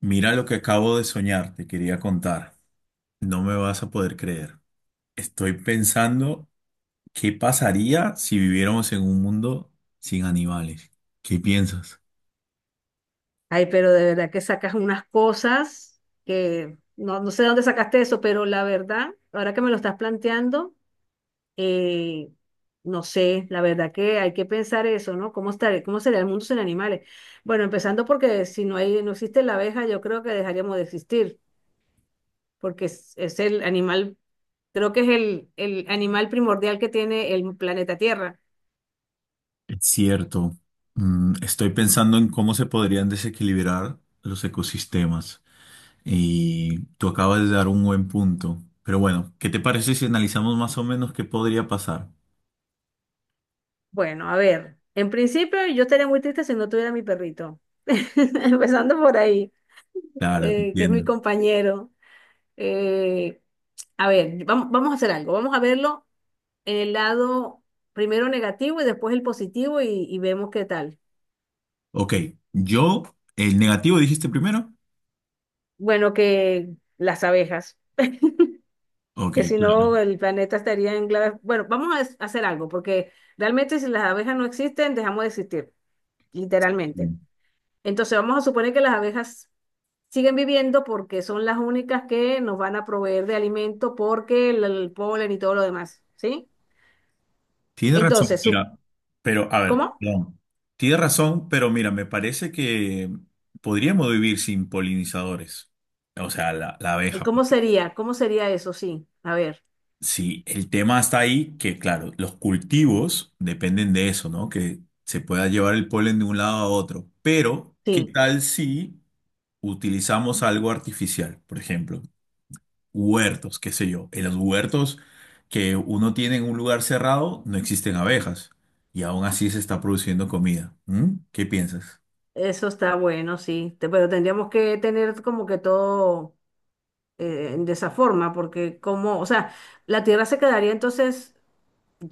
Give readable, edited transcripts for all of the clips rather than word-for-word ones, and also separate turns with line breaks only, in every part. Mira lo que acabo de soñar, te quería contar. No me vas a poder creer. Estoy pensando qué pasaría si viviéramos en un mundo sin animales. ¿Qué piensas?
Ay, pero de verdad que sacas unas cosas que no sé de dónde sacaste eso, pero la verdad, ahora que me lo estás planteando, eh, no sé, la verdad que hay que pensar eso, ¿no? ¿Cómo estar, cómo sería el mundo sin animales? Bueno, empezando porque si no hay, no existe la abeja, yo creo que dejaríamos de existir, porque es el animal, creo que es el animal primordial que tiene el planeta Tierra.
Es cierto. Mm, estoy pensando en cómo se podrían desequilibrar los ecosistemas. Y tú acabas de dar un buen punto. Pero bueno, ¿qué te parece si analizamos más o menos qué podría pasar?
Bueno, a ver, en principio yo estaría muy triste si no tuviera mi perrito. Empezando por ahí.
Claro, te
Que es mi
entiendo.
compañero. Eh, a ver, vamos a hacer algo. Vamos a verlo en el lado primero negativo y después el positivo y vemos qué tal.
Ok, yo, el negativo dijiste primero.
Bueno, que las abejas,
Ok,
que si no
claro.
el planeta estaría en clave. Bueno, vamos a hacer algo, porque realmente si las abejas no existen, dejamos de existir,
Sí.
literalmente. Entonces vamos a suponer que las abejas siguen viviendo porque son las únicas que nos van a proveer de alimento porque el polen y todo lo demás, ¿sí?
Tiene razón,
Entonces,
mira, pero a ver,
¿cómo?
no. Tienes razón, pero mira, me parece que podríamos vivir sin polinizadores, o sea, la abeja.
¿Cómo sería? ¿Cómo sería eso? Sí, a ver,
Sí, el tema está ahí que, claro, los cultivos dependen de eso, ¿no? Que se pueda llevar el polen de un lado a otro, pero ¿qué
sí,
tal si utilizamos algo artificial, por ejemplo? Huertos, qué sé yo. En los huertos que uno tiene en un lugar cerrado no existen abejas y aún así se está produciendo comida. ¿Mm? ¿Qué piensas?
eso está bueno, sí, pero tendríamos que tener como que todo de esa forma, porque como, o sea, la tierra se quedaría entonces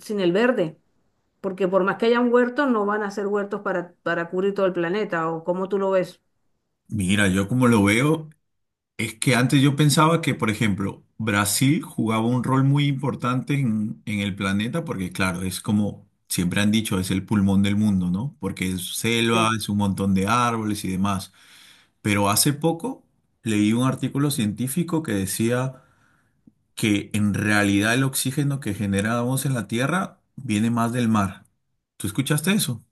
sin el verde, porque por más que haya un huerto, no van a ser huertos para cubrir todo el planeta, o como tú lo ves.
Mira, yo como lo veo, es que antes yo pensaba que, por ejemplo, Brasil jugaba un rol muy importante en el planeta porque, claro, es como siempre han dicho, es el pulmón del mundo, ¿no? Porque es selva,
Sí,
es un montón de árboles y demás. Pero hace poco leí un artículo científico que decía que en realidad el oxígeno que generamos en la Tierra viene más del mar. ¿Tú escuchaste eso?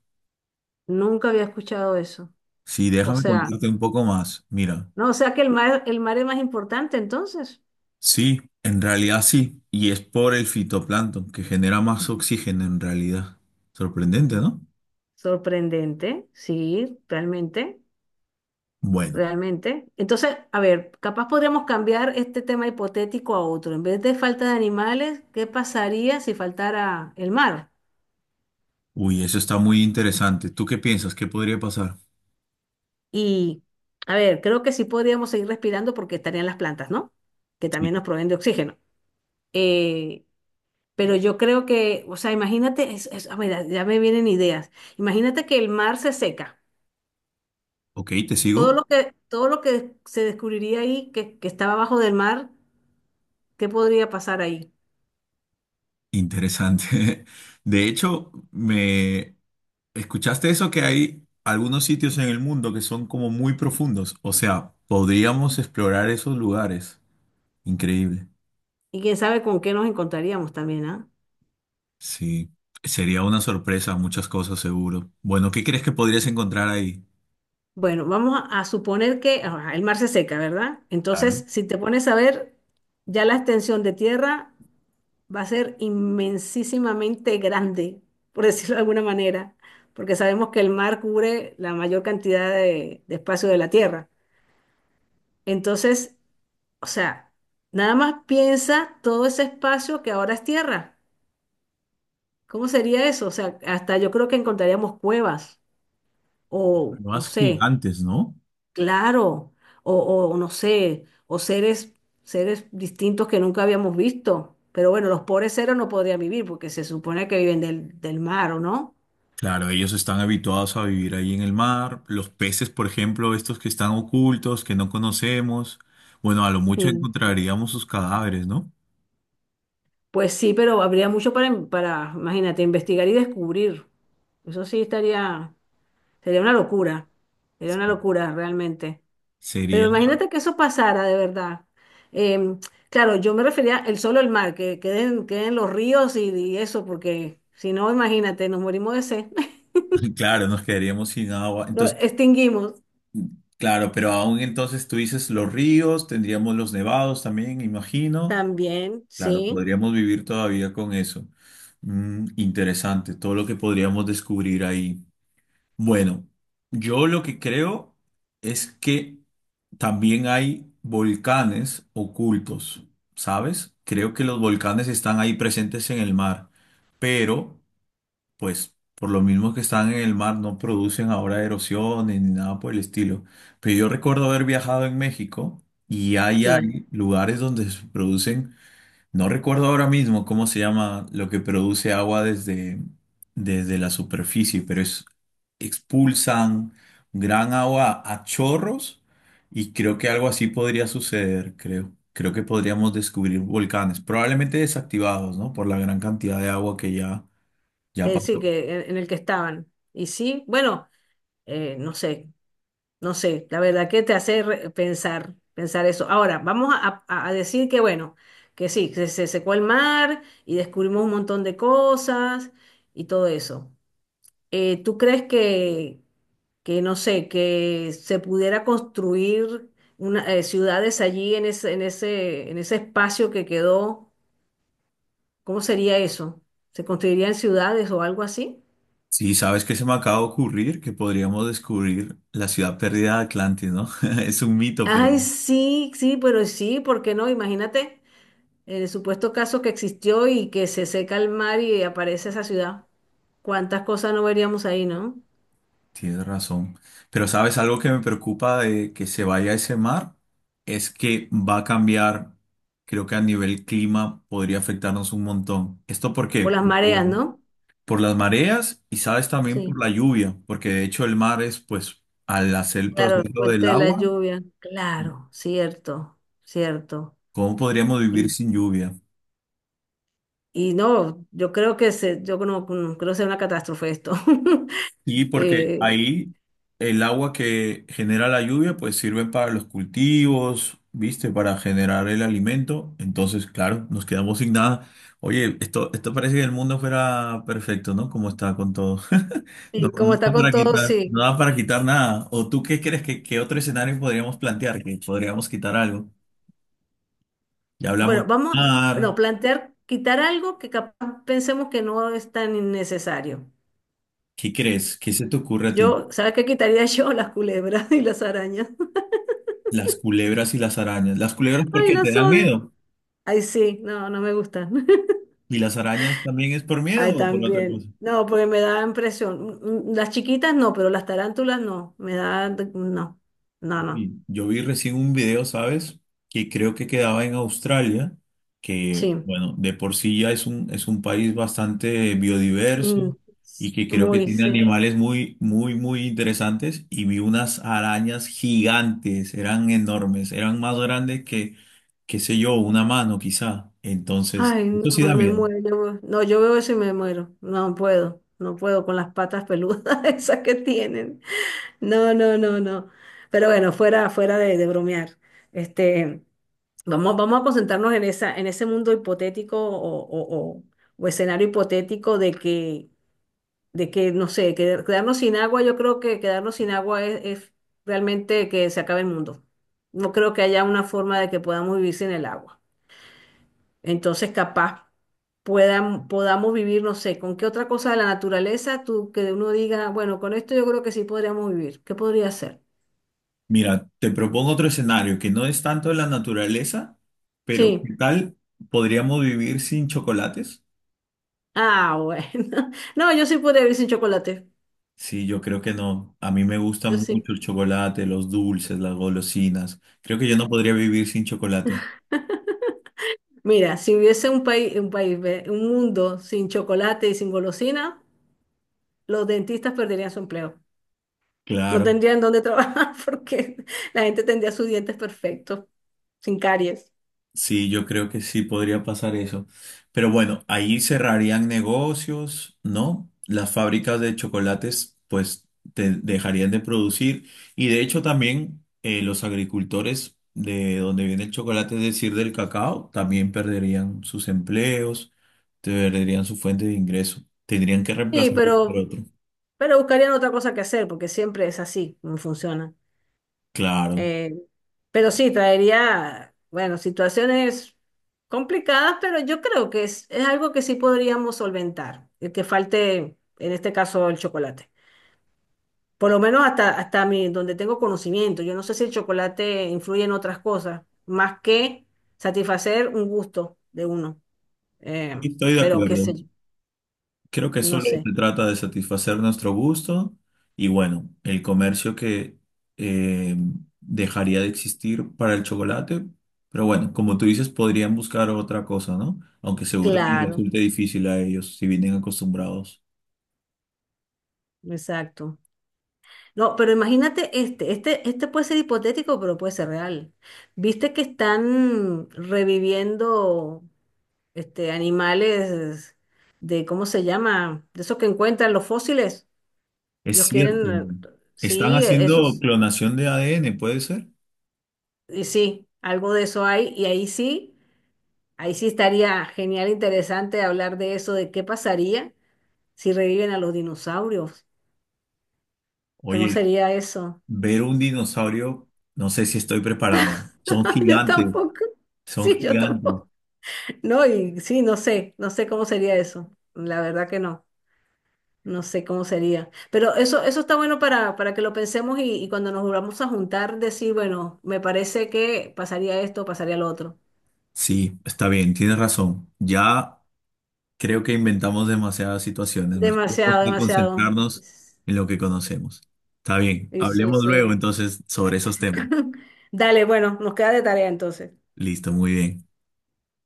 nunca había escuchado eso.
Sí,
O
déjame
sea,
contarte un poco más. Mira,
no, o sea que el mar es más importante entonces.
sí, en realidad sí, y es por el fitoplancton que genera más oxígeno en realidad. Sorprendente, ¿no?
Sorprendente, sí, realmente.
Bueno,
Realmente. Entonces, a ver, capaz podríamos cambiar este tema hipotético a otro. En vez de falta de animales, ¿qué pasaría si faltara el mar?
uy, eso está muy interesante. ¿Tú qué piensas? ¿Qué podría pasar?
Y, a ver, creo que sí podríamos seguir respirando porque estarían las plantas, ¿no? Que
Sí.
también nos proveen de oxígeno. Eh, pero yo creo que, o sea, imagínate, a ver, ya me vienen ideas. Imagínate que el mar se seca.
Ok, te
Todo
sigo.
lo todo lo que se descubriría ahí, que estaba abajo del mar, ¿qué podría pasar ahí?
Interesante. De hecho, me ¿escuchaste eso que hay algunos sitios en el mundo que son como muy profundos? O sea, podríamos explorar esos lugares. Increíble.
Y quién sabe con qué nos encontraríamos también, ¿ah?
Sí, sería una sorpresa, muchas cosas seguro. Bueno, ¿qué crees que podrías encontrar ahí?
Bueno, vamos a suponer que ajá, el mar se seca, ¿verdad? Entonces,
Claro,
si te pones a ver, ya la extensión de tierra va a ser inmensísimamente grande, por decirlo de alguna manera, porque sabemos que el mar cubre la mayor cantidad de espacio de la tierra. Entonces, o sea, nada más piensa todo ese espacio que ahora es tierra. ¿Cómo sería eso? O sea, hasta yo creo que encontraríamos cuevas o, no
más
sé,
gigantes, ¿no?
claro, o, o no sé, seres distintos que nunca habíamos visto. Pero bueno, los pobres seres no podrían vivir porque se supone que viven del mar, ¿o no?
Claro, ellos están habituados a vivir ahí en el mar. Los peces, por ejemplo, estos que están ocultos, que no conocemos. Bueno, a lo mucho
Sí.
encontraríamos sus cadáveres, ¿no?
Pues sí, pero habría mucho para, para, imagínate, investigar y descubrir. Eso sí estaría, sería una locura, sería una locura realmente. Pero
Sería,
imagínate que eso pasara de verdad. Em, claro, yo me refería el solo el mar, que queden, queden los ríos y eso, porque si no, imagínate, nos morimos de sed.
claro, nos quedaríamos sin agua.
Lo
Entonces,
extinguimos
claro, pero aún entonces tú dices los ríos, tendríamos los nevados también, imagino.
también,
Claro,
sí,
podríamos vivir todavía con eso. Mm, interesante, todo lo que podríamos descubrir ahí. Bueno, yo lo que creo es que también hay volcanes ocultos, ¿sabes? Creo que los volcanes están ahí presentes en el mar, pero pues por lo mismo que están en el mar, no producen ahora erosiones ni nada por el estilo. Pero yo recuerdo haber viajado en México y ahí
sí,
hay lugares donde se producen, no recuerdo ahora mismo cómo se llama lo que produce agua desde, desde la superficie, pero es, expulsan gran agua a chorros y creo que algo así podría suceder, creo. Creo que podríamos descubrir volcanes, probablemente desactivados, ¿no? Por la gran cantidad de agua que ya, ya
sí,
pasó.
que en el que estaban. Y sí, bueno, no sé, no sé, la verdad, que te hace pensar, pensar eso. Ahora, vamos a decir que, bueno, que sí, que se secó el mar y descubrimos un montón de cosas y todo eso. ¿Tú crees que, no sé, que se pudiera construir una, ciudades allí en ese, en ese, en ese espacio que quedó? ¿Cómo sería eso? ¿Se construirían ciudades o algo así?
Sí, ¿sabes qué se me acaba de ocurrir? Que podríamos descubrir la ciudad perdida de Atlantis, ¿no? Es un mito, pero
Ay, sí, sí, pero sí, ¿por qué no? Imagínate el supuesto caso que existió y que se seca el mar y aparece esa ciudad. ¿Cuántas cosas no veríamos ahí, no?
tienes razón. Pero ¿sabes algo que me preocupa de que se vaya ese mar? Es que va a cambiar, creo que a nivel clima podría afectarnos un montón. ¿Esto por
Por
qué?
las
Porque,
mareas,
bueno,
¿no?
por las mareas y sabes también por
Sí,
la lluvia, porque de hecho el mar es, pues, al hacer el
claro, el
proceso del
puente de la
agua,
lluvia. Claro, cierto, cierto.
¿cómo podríamos vivir
Y,
sin lluvia?
y no, yo creo que se, yo no, no creo sea una catástrofe esto.
Sí, porque
Eh,
ahí el agua que genera la lluvia pues sirve para los cultivos, ¿viste? Para generar el alimento. Entonces, claro, nos quedamos sin nada. Oye, esto parece que el mundo fuera perfecto, ¿no? Como está con todo. No,
y
no
como está
da
con
para
todo,
quitar, no
sí.
da para quitar nada. ¿O tú qué crees que qué otro escenario podríamos plantear? Que podríamos quitar algo. Ya hablamos
Bueno,
de
vamos
mar.
no, plantear quitar algo que capaz pensemos que no es tan innecesario.
¿Qué crees? ¿Qué se te ocurre a ti?
Yo, ¿sabes qué quitaría yo? Las culebras y las arañas.
Las culebras y las arañas. Las culebras
Ay,
porque te
las
dan
odio.
miedo.
Ay, sí, no, no me gustan.
¿Y las arañas también es por miedo
Ay,
o por otra cosa?
también. No, porque me da impresión. Mm, mm, las chiquitas no, pero las tarántulas no. Me da, no, no, no.
Sí. Yo vi recién un video, ¿sabes? Que creo que quedaba en Australia, que,
Sí.
bueno, de por sí ya es un país bastante biodiverso
Mm,
y que creo que
muy,
tiene
sí.
animales muy, muy, muy interesantes. Y vi unas arañas gigantes, eran enormes, eran más grandes que, qué sé yo, una mano quizá. Entonces,
Ay,
esto sí
no,
da
me
miedo.
muero. No, yo veo eso y me muero. No puedo, no puedo con las patas peludas esas que tienen. No, no, no, no. Pero bueno, fuera, fuera de bromear. Este, vamos a concentrarnos en esa, en ese mundo hipotético o, o escenario hipotético de que, no sé, quedarnos sin agua, yo creo que quedarnos sin agua es realmente que se acabe el mundo. No creo que haya una forma de que podamos vivir sin el agua. Entonces, capaz podamos vivir, no sé, con qué otra cosa de la naturaleza tú que uno diga, bueno, con esto yo creo que sí podríamos vivir. ¿Qué podría ser?
Mira, te propongo otro escenario que no es tanto de la naturaleza, pero
Sí.
¿qué tal podríamos vivir sin chocolates?
Ah, bueno. No, yo sí podría vivir sin chocolate.
Sí, yo creo que no. A mí me gusta
Yo sí.
mucho el chocolate, los dulces, las golosinas. Creo que yo no podría vivir sin chocolate.
Mira, si hubiese un país, ve, un mundo sin chocolate y sin golosina, los dentistas perderían su empleo. No
Claro.
tendrían dónde trabajar porque la gente tendría sus dientes perfectos, sin caries.
Sí, yo creo que sí podría pasar eso. Pero bueno, ahí cerrarían negocios, ¿no? Las fábricas de chocolates pues te dejarían de producir y de hecho también los agricultores de donde viene el chocolate, es decir, del cacao, también perderían sus empleos, perderían su fuente de ingreso, tendrían que
Sí,
reemplazarlo por
pero,
otro.
pero buscarían otra cosa que hacer porque siempre es así, no funciona.
Claro,
Eh, pero sí, traería, bueno, situaciones complicadas, pero yo creo que es algo que sí podríamos solventar, el que falte, en este caso, el chocolate. Por lo menos hasta, hasta mi, donde tengo conocimiento. Yo no sé si el chocolate influye en otras cosas, más que satisfacer un gusto de uno. Eh,
estoy de
pero qué sé
acuerdo.
yo,
Creo que
no
solo
sé.
se trata de satisfacer nuestro gusto y bueno, el comercio que eh, dejaría de existir para el chocolate, pero bueno, como tú dices, podrían buscar otra cosa, ¿no? Aunque seguro les
Claro,
resulte difícil a ellos si vienen acostumbrados.
exacto. No, pero imagínate este puede ser hipotético, pero puede ser real. ¿Viste que están reviviendo animales de, ¿cómo se llama? De esos que encuentran los fósiles,
Es
los
cierto,
quieren,
están
sí,
haciendo
esos,
clonación de ADN, ¿puede ser?
y sí, algo de eso hay, ahí sí estaría genial, interesante hablar de eso, de qué pasaría si reviven a los dinosaurios. ¿Cómo
Oye,
sería eso?
ver un dinosaurio, no sé si estoy preparado. Son
Yo
gigantes,
tampoco,
son
sí, yo
gigantes.
tampoco. No, y sí, no sé, no sé cómo sería eso. La verdad que no, no sé cómo sería. Pero eso está bueno para que lo pensemos y cuando nos volvamos a juntar, decir, bueno, me parece que pasaría esto, pasaría lo otro.
Sí, está bien, tienes razón. Ya creo que inventamos demasiadas situaciones. Mejor vamos
Demasiado,
a
demasiado.
concentrarnos en lo que conocemos. Está bien,
Y sí,
hablemos luego
sí.
entonces sobre esos temas.
Dale, bueno, nos queda de tarea entonces.
Listo, muy bien.